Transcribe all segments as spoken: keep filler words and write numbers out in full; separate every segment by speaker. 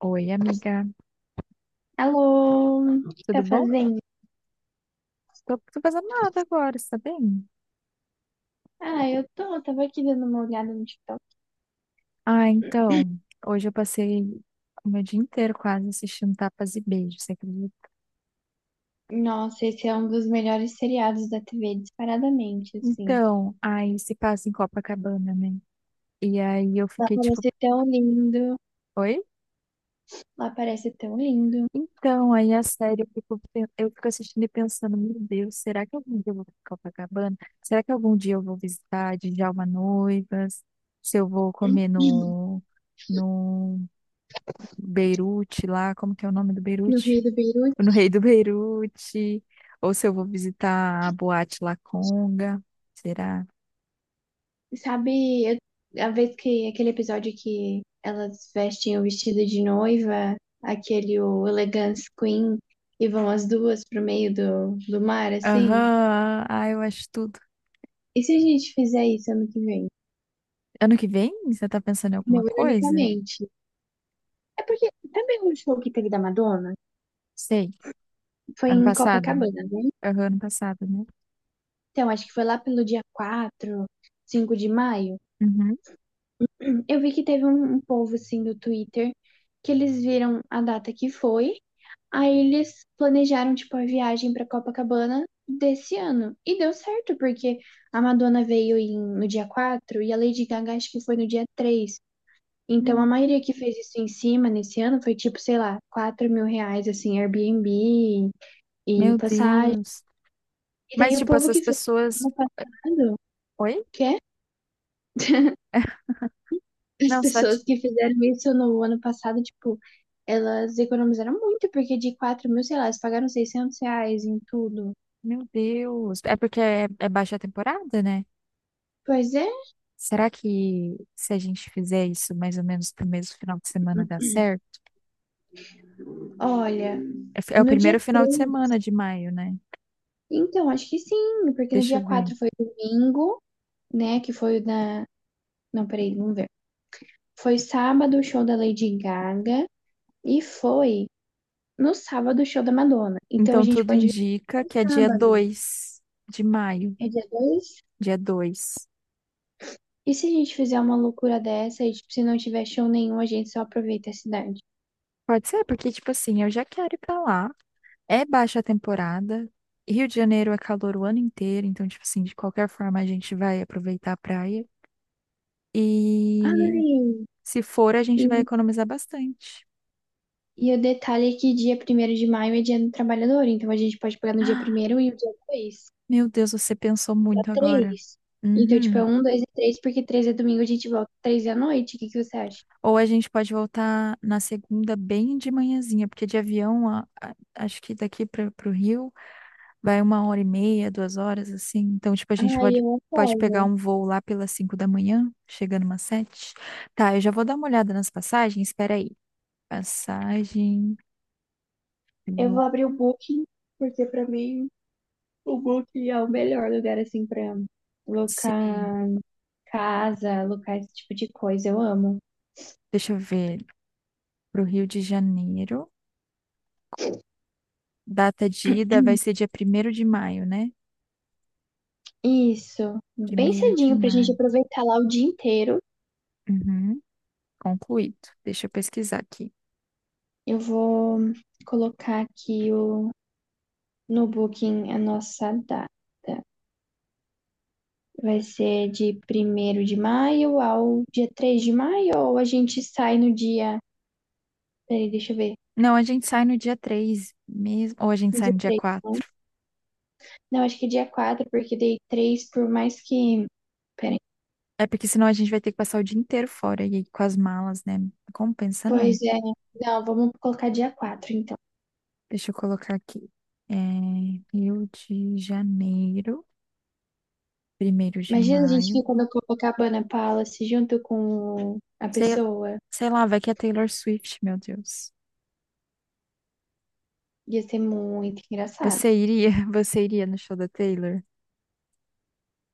Speaker 1: Oi, amiga,
Speaker 2: Alô, o que tá
Speaker 1: tudo bom?
Speaker 2: fazendo?
Speaker 1: Tô, tô fazendo nada agora, você tá bem?
Speaker 2: Ah, eu tô, tava aqui dando uma olhada no TikTok.
Speaker 1: Ah, então, hoje eu passei o meu dia inteiro quase assistindo Tapas e Beijos, você acredita?
Speaker 2: Nossa, esse é um dos melhores seriados da T V, disparadamente, assim.
Speaker 1: Então, aí se passa em Copacabana, né? E aí eu
Speaker 2: Lá
Speaker 1: fiquei tipo,
Speaker 2: parece tão lindo,
Speaker 1: oi?
Speaker 2: lá parece tão lindo.
Speaker 1: Então, aí a série eu fico, pen- eu fico assistindo e pensando, meu Deus, será que algum dia eu vou pra Copacabana? Será que algum dia eu vou visitar Djalma Noivas? Se eu vou comer no, no Beirute lá, como que é o nome do
Speaker 2: No
Speaker 1: Beirute?
Speaker 2: Rei do
Speaker 1: Tipo, no
Speaker 2: Beirute.
Speaker 1: Rei do Beirute, ou se eu vou visitar a Boate La Conga, será?
Speaker 2: Sabe, eu- a vez que aquele episódio que elas vestem o vestido de noiva, aquele o Elegance Queen, e vão as duas pro meio do, do mar, assim?
Speaker 1: Aham, ah, eu acho tudo.
Speaker 2: E se a gente fizer isso ano que vem?
Speaker 1: Ano que vem, você tá pensando em
Speaker 2: Não,
Speaker 1: alguma coisa?
Speaker 2: ironicamente. É porque também o show que teve da Madonna
Speaker 1: Sei,
Speaker 2: foi
Speaker 1: ano
Speaker 2: em
Speaker 1: passado, né?
Speaker 2: Copacabana, né?
Speaker 1: Aham, ano passado, né?
Speaker 2: Então, acho que foi lá pelo dia quatro, cinco de maio.
Speaker 1: Uhum.
Speaker 2: Eu vi que teve um, um povo, assim, do Twitter, que eles viram a data que foi, aí eles planejaram, tipo, a viagem pra Copacabana desse ano. E deu certo, porque a Madonna veio em- no dia quatro e a Lady Gaga acho que foi no dia três. Então, a
Speaker 1: Hum.
Speaker 2: maioria que fez isso em cima nesse ano foi, tipo, sei lá, quatro mil reais, assim, Airbnb e
Speaker 1: Meu
Speaker 2: passagem.
Speaker 1: Deus.
Speaker 2: E daí
Speaker 1: Mas,
Speaker 2: o
Speaker 1: tipo,
Speaker 2: povo
Speaker 1: essas
Speaker 2: que fez no
Speaker 1: pessoas.
Speaker 2: ano passado,
Speaker 1: Oi?
Speaker 2: que é? As
Speaker 1: Não, só
Speaker 2: pessoas
Speaker 1: tipo,
Speaker 2: que fizeram isso no ano passado, tipo, elas economizaram muito, porque de quatro mil, sei lá, elas pagaram seiscentos reais em tudo.
Speaker 1: meu Deus. É porque é, é baixa temporada, né?
Speaker 2: Pois é,
Speaker 1: Será que se a gente fizer isso mais ou menos pro mesmo final de semana dá certo?
Speaker 2: olha,
Speaker 1: É, fi- é o
Speaker 2: no dia
Speaker 1: primeiro final de
Speaker 2: três.
Speaker 1: semana de maio, né?
Speaker 2: Então, acho que sim, porque no
Speaker 1: Deixa
Speaker 2: dia
Speaker 1: eu ver.
Speaker 2: quatro foi domingo, né, que foi o da... Não, peraí, vamos ver. Foi sábado o show da Lady Gaga e foi no sábado o show da Madonna. Então a
Speaker 1: Então,
Speaker 2: gente
Speaker 1: tudo
Speaker 2: pode ver
Speaker 1: indica
Speaker 2: no
Speaker 1: que é dia
Speaker 2: sábado.
Speaker 1: dois de maio.
Speaker 2: É dia dois.
Speaker 1: Dia dois.
Speaker 2: E se a gente fizer uma loucura dessa e, tipo, se não tiver show nenhum, a gente só aproveita a cidade?
Speaker 1: Pode ser, porque, tipo assim, eu já quero ir pra lá. É baixa temporada. Rio de Janeiro é calor o ano inteiro. Então, tipo assim, de qualquer forma, a gente vai aproveitar a praia. E
Speaker 2: Ai,
Speaker 1: se for, a gente vai
Speaker 2: e,
Speaker 1: economizar bastante.
Speaker 2: e o detalhe é que dia primeiro de maio é dia do trabalhador, então a gente pode pegar no dia
Speaker 1: Ah,
Speaker 2: primeiro e o dia dois
Speaker 1: meu Deus, você pensou
Speaker 2: dá
Speaker 1: muito agora.
Speaker 2: três. Então, tipo, é
Speaker 1: Uhum.
Speaker 2: um, dois e três porque três é domingo, a gente volta três da noite. O que que você acha?
Speaker 1: Ou a gente pode voltar na segunda bem de manhãzinha, porque de avião, a- a- acho que daqui para o Rio. Vai uma hora e meia, duas horas, assim. Então, tipo, a gente
Speaker 2: Ai,
Speaker 1: pode,
Speaker 2: eu
Speaker 1: pode pegar
Speaker 2: apoio.
Speaker 1: um voo lá pelas cinco da manhã, chegando umas sete. Tá, eu já vou dar uma olhada nas passagens. Espera aí. Passagem.
Speaker 2: Eu vou
Speaker 1: vou-
Speaker 2: abrir o Booking, porque pra mim o Booking é o melhor lugar, assim, pra
Speaker 1: Sim.
Speaker 2: alocar casa, alocar esse tipo de coisa. Eu amo.
Speaker 1: Deixa eu ver. Pro Rio de Janeiro. Data de ida vai ser dia primeiro de maio, né?
Speaker 2: Isso, bem
Speaker 1: Primeiro de
Speaker 2: cedinho pra gente
Speaker 1: maio.
Speaker 2: aproveitar lá o dia inteiro.
Speaker 1: Uhum. Concluído. Deixa eu pesquisar aqui.
Speaker 2: Eu vou colocar aqui o, no Booking a nossa data. Vai ser de primeiro de maio ao dia três de maio, ou a gente sai no dia. Peraí, deixa eu ver.
Speaker 1: Não, a gente sai no dia três, mesmo. Ou a gente
Speaker 2: No
Speaker 1: sai
Speaker 2: dia
Speaker 1: no dia
Speaker 2: três, não?
Speaker 1: quatro.
Speaker 2: Não, acho que é dia quatro porque dei três por mais que. Peraí.
Speaker 1: É porque senão a gente vai ter que passar o dia inteiro fora e aí com as malas, né? Não compensa não.
Speaker 2: Pois é. Não, vamos colocar dia quatro então.
Speaker 1: Deixa eu colocar aqui. É, Rio de Janeiro, primeiro de
Speaker 2: Imagina a gente
Speaker 1: maio.
Speaker 2: ficando com a Copacabana Palace junto com a
Speaker 1: Sei,
Speaker 2: pessoa.
Speaker 1: sei lá, vai que é Taylor Swift, meu Deus.
Speaker 2: Ia ser muito engraçado.
Speaker 1: Você iria, você iria no show da Taylor?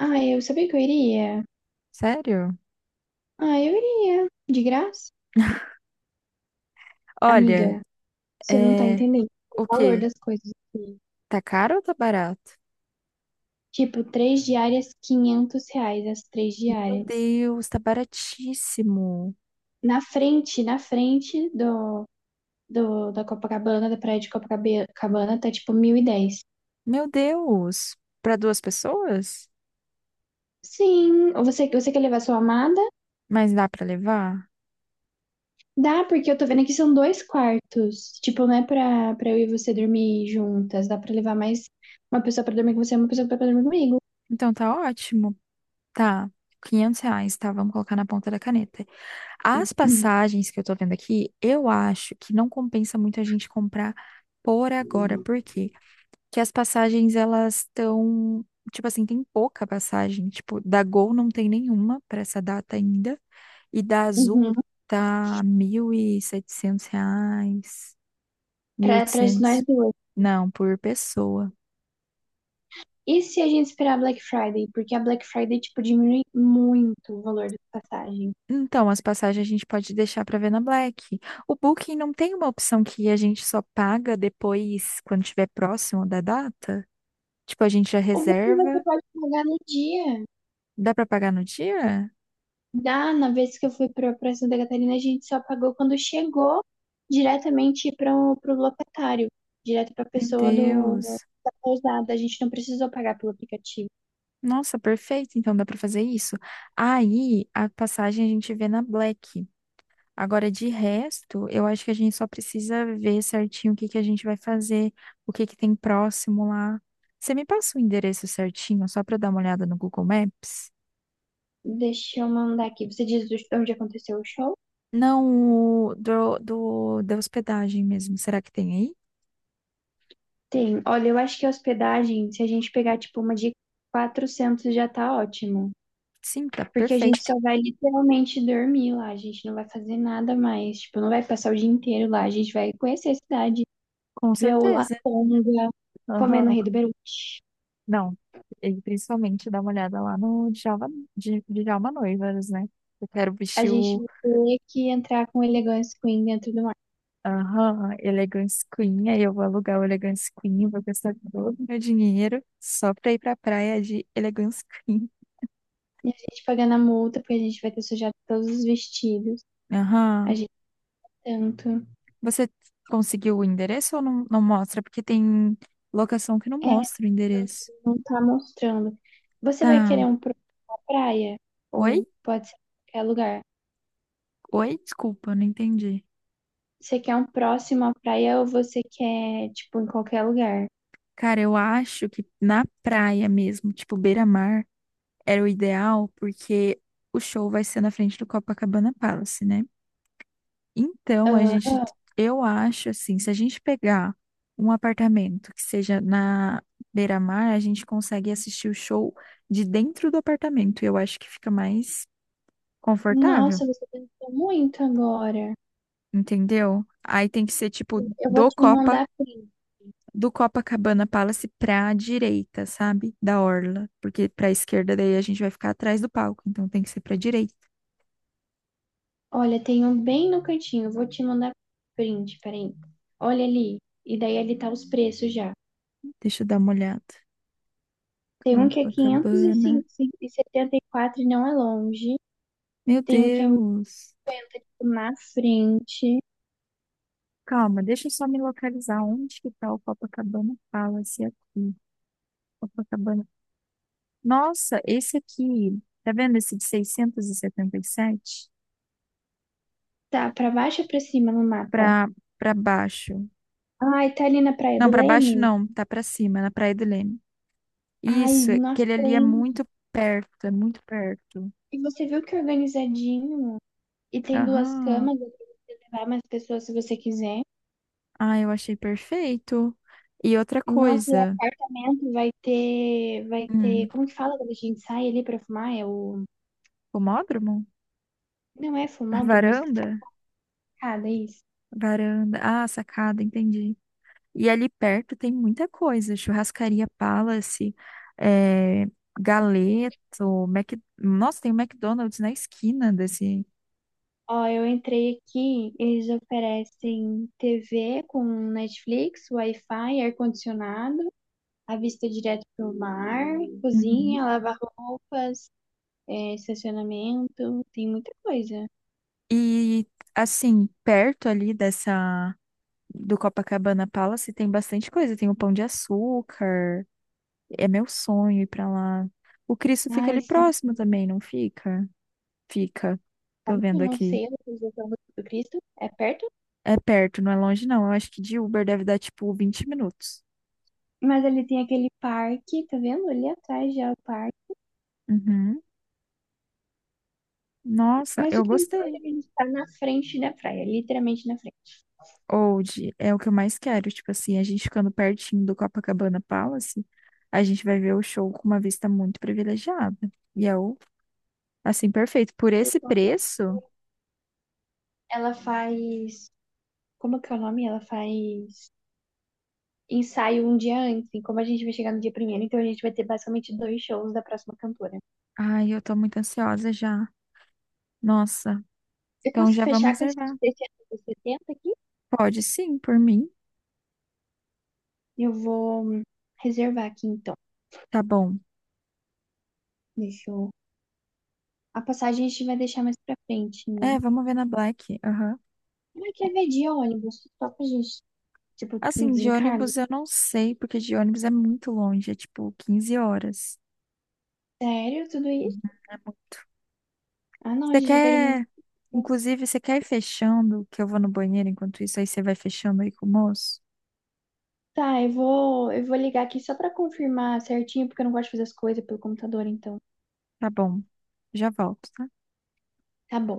Speaker 2: Ah, eu sabia que eu iria.
Speaker 1: Sério?
Speaker 2: Ah, eu iria. De graça. Amiga,
Speaker 1: Olha,
Speaker 2: você não tá
Speaker 1: é,
Speaker 2: entendendo o
Speaker 1: o
Speaker 2: valor
Speaker 1: quê?
Speaker 2: das coisas aqui.
Speaker 1: Tá caro ou tá barato?
Speaker 2: Tipo, três diárias, quinhentos reais as três
Speaker 1: Meu
Speaker 2: diárias.
Speaker 1: Deus, tá baratíssimo.
Speaker 2: Na frente, na frente do, do da Copacabana, da praia de Copacabana, tá tipo mil e dez.
Speaker 1: Meu Deus, para duas pessoas?
Speaker 2: Sim, você, você quer levar sua amada?
Speaker 1: Mas dá para levar?
Speaker 2: Dá, porque eu tô vendo aqui são dois quartos. Tipo, não é pra, pra eu e você dormir juntas. Dá pra levar mais uma pessoa pra dormir com você e uma pessoa pra dormir comigo.
Speaker 1: Então tá ótimo. Tá, quinhentos reais, tá? Vamos colocar na ponta da caneta. As
Speaker 2: Uhum.
Speaker 1: passagens que eu tô vendo aqui, eu acho que não compensa muito a gente comprar por agora. Por quê? Porque as passagens, elas estão... Tipo assim, tem pouca passagem. Tipo, da Gol não tem nenhuma pra essa data ainda. E da Azul
Speaker 2: Uhum.
Speaker 1: tá mil e setecentos reais, mil e
Speaker 2: Pra, pra
Speaker 1: oitocentos
Speaker 2: nós duas.
Speaker 1: Não, por pessoa.
Speaker 2: E se a gente esperar a Black Friday? Porque a Black Friday, tipo, diminui muito o valor das passagens.
Speaker 1: Então, as passagens a gente pode deixar para ver na Black. O Booking não tem uma opção que a gente só paga depois, quando estiver próximo da data? Tipo, a gente já
Speaker 2: Ou você vai- você
Speaker 1: reserva.
Speaker 2: pode pagar no dia.
Speaker 1: Dá para pagar no dia?
Speaker 2: Da, na vez que eu fui pra, pra Santa Catarina, a gente só pagou quando chegou diretamente para o locatário, direto para a
Speaker 1: Meu
Speaker 2: pessoa do,
Speaker 1: Deus.
Speaker 2: da pousada. A gente não precisou pagar pelo aplicativo.
Speaker 1: Nossa, perfeito. Então dá para fazer isso. Aí a passagem a gente vê na Black. Agora, de resto, eu acho que a gente só precisa ver certinho o que que a gente vai fazer, o que que tem próximo lá. Você me passa o endereço certinho, só para dar uma olhada no Google Maps?
Speaker 2: Deixa eu mandar aqui. Você diz do- onde aconteceu o show?
Speaker 1: Não, o do, do, da hospedagem mesmo. Será que tem aí?
Speaker 2: Tem. Olha, eu acho que a hospedagem, se a gente pegar tipo uma de quatrocentos já tá ótimo.
Speaker 1: Sim, tá
Speaker 2: Porque a gente
Speaker 1: perfeito.
Speaker 2: só vai literalmente dormir lá, a gente não vai fazer nada mais. Tipo, não vai passar o dia inteiro lá, a gente vai conhecer a cidade.
Speaker 1: Com
Speaker 2: Ver o
Speaker 1: certeza.
Speaker 2: Laconga comendo o
Speaker 1: Aham.
Speaker 2: Rei do Beirute.
Speaker 1: Não. E principalmente dá uma olhada lá no Djalma, Dj- Djalma Noivas, né? Eu quero
Speaker 2: A
Speaker 1: vestir
Speaker 2: gente
Speaker 1: o.
Speaker 2: vai ter que entrar com o Elegance Queen dentro do mar.
Speaker 1: Aham, Elegance Queen, aí eu vou alugar o Elegance Queen, vou gastar todo o meu dinheiro só pra ir pra praia de Elegance Queen.
Speaker 2: E a gente pagando a multa, porque a gente vai ter sujado todos os vestidos. A
Speaker 1: Aham.
Speaker 2: gente tanto.
Speaker 1: Você conseguiu o endereço ou não, não mostra? Porque tem locação que não
Speaker 2: É,
Speaker 1: mostra o endereço.
Speaker 2: não tá mostrando. Você vai
Speaker 1: Tá.
Speaker 2: querer um próximo à praia?
Speaker 1: Oi?
Speaker 2: Ou pode ser em qualquer lugar?
Speaker 1: Oi, desculpa, eu não entendi.
Speaker 2: Você quer um próximo à praia ou você quer, tipo, em qualquer lugar?
Speaker 1: Cara, eu acho que na praia mesmo, tipo beira-mar, era o ideal, porque o show vai ser na frente do Copacabana Palace, né? Então, a gente,
Speaker 2: Aham.
Speaker 1: eu acho assim, se a gente pegar um apartamento que seja na beira-mar, a gente consegue assistir o show de dentro do apartamento. Eu acho que fica mais confortável,
Speaker 2: Nossa, você pensou muito agora.
Speaker 1: entendeu? Aí tem que ser tipo
Speaker 2: Eu vou
Speaker 1: do
Speaker 2: te mandar print.
Speaker 1: do Copacabana Palace pra direita, sabe? Da orla, porque pra esquerda daí a gente vai ficar atrás do palco, então tem que ser pra direita.
Speaker 2: Olha, tem um bem no cantinho. Vou te mandar print, peraí. Olha ali. E daí ali tá os preços já.
Speaker 1: Deixa eu dar uma olhada.
Speaker 2: Tem um que é
Speaker 1: Copacabana.
Speaker 2: quinhentos e setenta e quatro e setenta e quatro e não é longe.
Speaker 1: Meu
Speaker 2: Tem um que é
Speaker 1: Deus.
Speaker 2: na frente.
Speaker 1: Calma, deixa eu só me localizar onde que tá o Copacabana Palace aqui. Copacabana. Nossa, esse aqui, tá vendo esse de seiscentos e setenta e sete?
Speaker 2: Tá, pra baixo ou pra cima no mapa?
Speaker 1: Pra para baixo.
Speaker 2: Ai, tá ali na Praia
Speaker 1: Não,
Speaker 2: do
Speaker 1: pra baixo
Speaker 2: Leme?
Speaker 1: não, tá pra cima, na Praia do Leme.
Speaker 2: Ai,
Speaker 1: Isso,
Speaker 2: na
Speaker 1: aquele ali é
Speaker 2: frente.
Speaker 1: muito perto, é muito perto.
Speaker 2: E você viu que é organizadinho? E tem duas
Speaker 1: Aham.
Speaker 2: camas, dá pra levar mais pessoas se você quiser.
Speaker 1: Ah, eu achei perfeito. E outra
Speaker 2: Nossa, e
Speaker 1: coisa.
Speaker 2: apartamento vai ter, vai ter,
Speaker 1: Hum,
Speaker 2: como que fala quando a gente sai ali pra fumar? É o.
Speaker 1: pomódromo?
Speaker 2: Não é
Speaker 1: A
Speaker 2: fumódromo, mas que
Speaker 1: varanda?
Speaker 2: sacada isso.
Speaker 1: Varanda. Ah, sacada, entendi. E ali perto tem muita coisa. Churrascaria Palace, é, Galeto, Mac... nossa, tem o McDonald's na esquina desse.
Speaker 2: Ó, eu entrei aqui, eles oferecem T V com Netflix, Wi-Fi, ar-condicionado, a vista direto pro mar,
Speaker 1: Uhum.
Speaker 2: cozinha, lavar roupas, é, estacionamento, tem muita coisa.
Speaker 1: E assim, perto ali dessa do Copacabana Palace tem bastante coisa. Tem o Pão de Açúcar. É meu sonho ir pra lá. O Cristo fica
Speaker 2: Ai,
Speaker 1: ali
Speaker 2: sim,
Speaker 1: próximo também, não fica? Fica. Tô
Speaker 2: sabe que eu
Speaker 1: vendo
Speaker 2: não
Speaker 1: aqui.
Speaker 2: sei a localização do do Cristo? É perto?
Speaker 1: É perto, não é longe, não. Eu acho que de Uber deve dar tipo vinte minutos.
Speaker 2: Mas ali tem aquele parque, tá vendo? Ali atrás já é o parque.
Speaker 1: Uhum. Nossa,
Speaker 2: Mas o
Speaker 1: eu
Speaker 2: que importa é
Speaker 1: gostei.
Speaker 2: que a gente tá na frente da praia, literalmente na frente.
Speaker 1: Old é o que eu mais quero. Tipo assim, a gente ficando pertinho do Copacabana Palace, a gente vai ver o show com uma vista muito privilegiada. E é o, assim, perfeito. Por esse
Speaker 2: Então,
Speaker 1: preço,
Speaker 2: Ela faz como que é o nome? Ela faz ensaio um dia antes. E como a gente vai chegar no dia primeiro, então a gente vai ter basicamente dois shows da próxima cantora.
Speaker 1: ai, eu tô muito ansiosa já. Nossa,
Speaker 2: Eu
Speaker 1: então
Speaker 2: posso
Speaker 1: já vamos
Speaker 2: fechar com esse
Speaker 1: reservar.
Speaker 2: desse ano setenta aqui?
Speaker 1: Pode sim, por mim.
Speaker 2: Eu vou hum, reservar aqui então.
Speaker 1: Tá bom.
Speaker 2: Deixa eu... A passagem a gente vai deixar mais pra frente, né?
Speaker 1: É, vamos ver na Black. Aham.
Speaker 2: Ah, quer ver de ônibus? Só pra gente, tipo, um
Speaker 1: Assim, de
Speaker 2: desencargo?
Speaker 1: ônibus eu não sei, porque de ônibus é muito longe, é tipo quinze horas.
Speaker 2: Sério, tudo isso?
Speaker 1: Uhum, é muito.
Speaker 2: Ah, não, a
Speaker 1: Você
Speaker 2: gente vai perder muito
Speaker 1: quer,
Speaker 2: tempo.
Speaker 1: inclusive, você quer ir fechando, que eu vou no banheiro enquanto isso, aí você vai fechando aí com o moço?
Speaker 2: Tá, eu vou, eu vou ligar aqui só pra confirmar certinho, porque eu não gosto de fazer as coisas pelo computador, então.
Speaker 1: Tá bom, já volto, tá?
Speaker 2: Tá bom.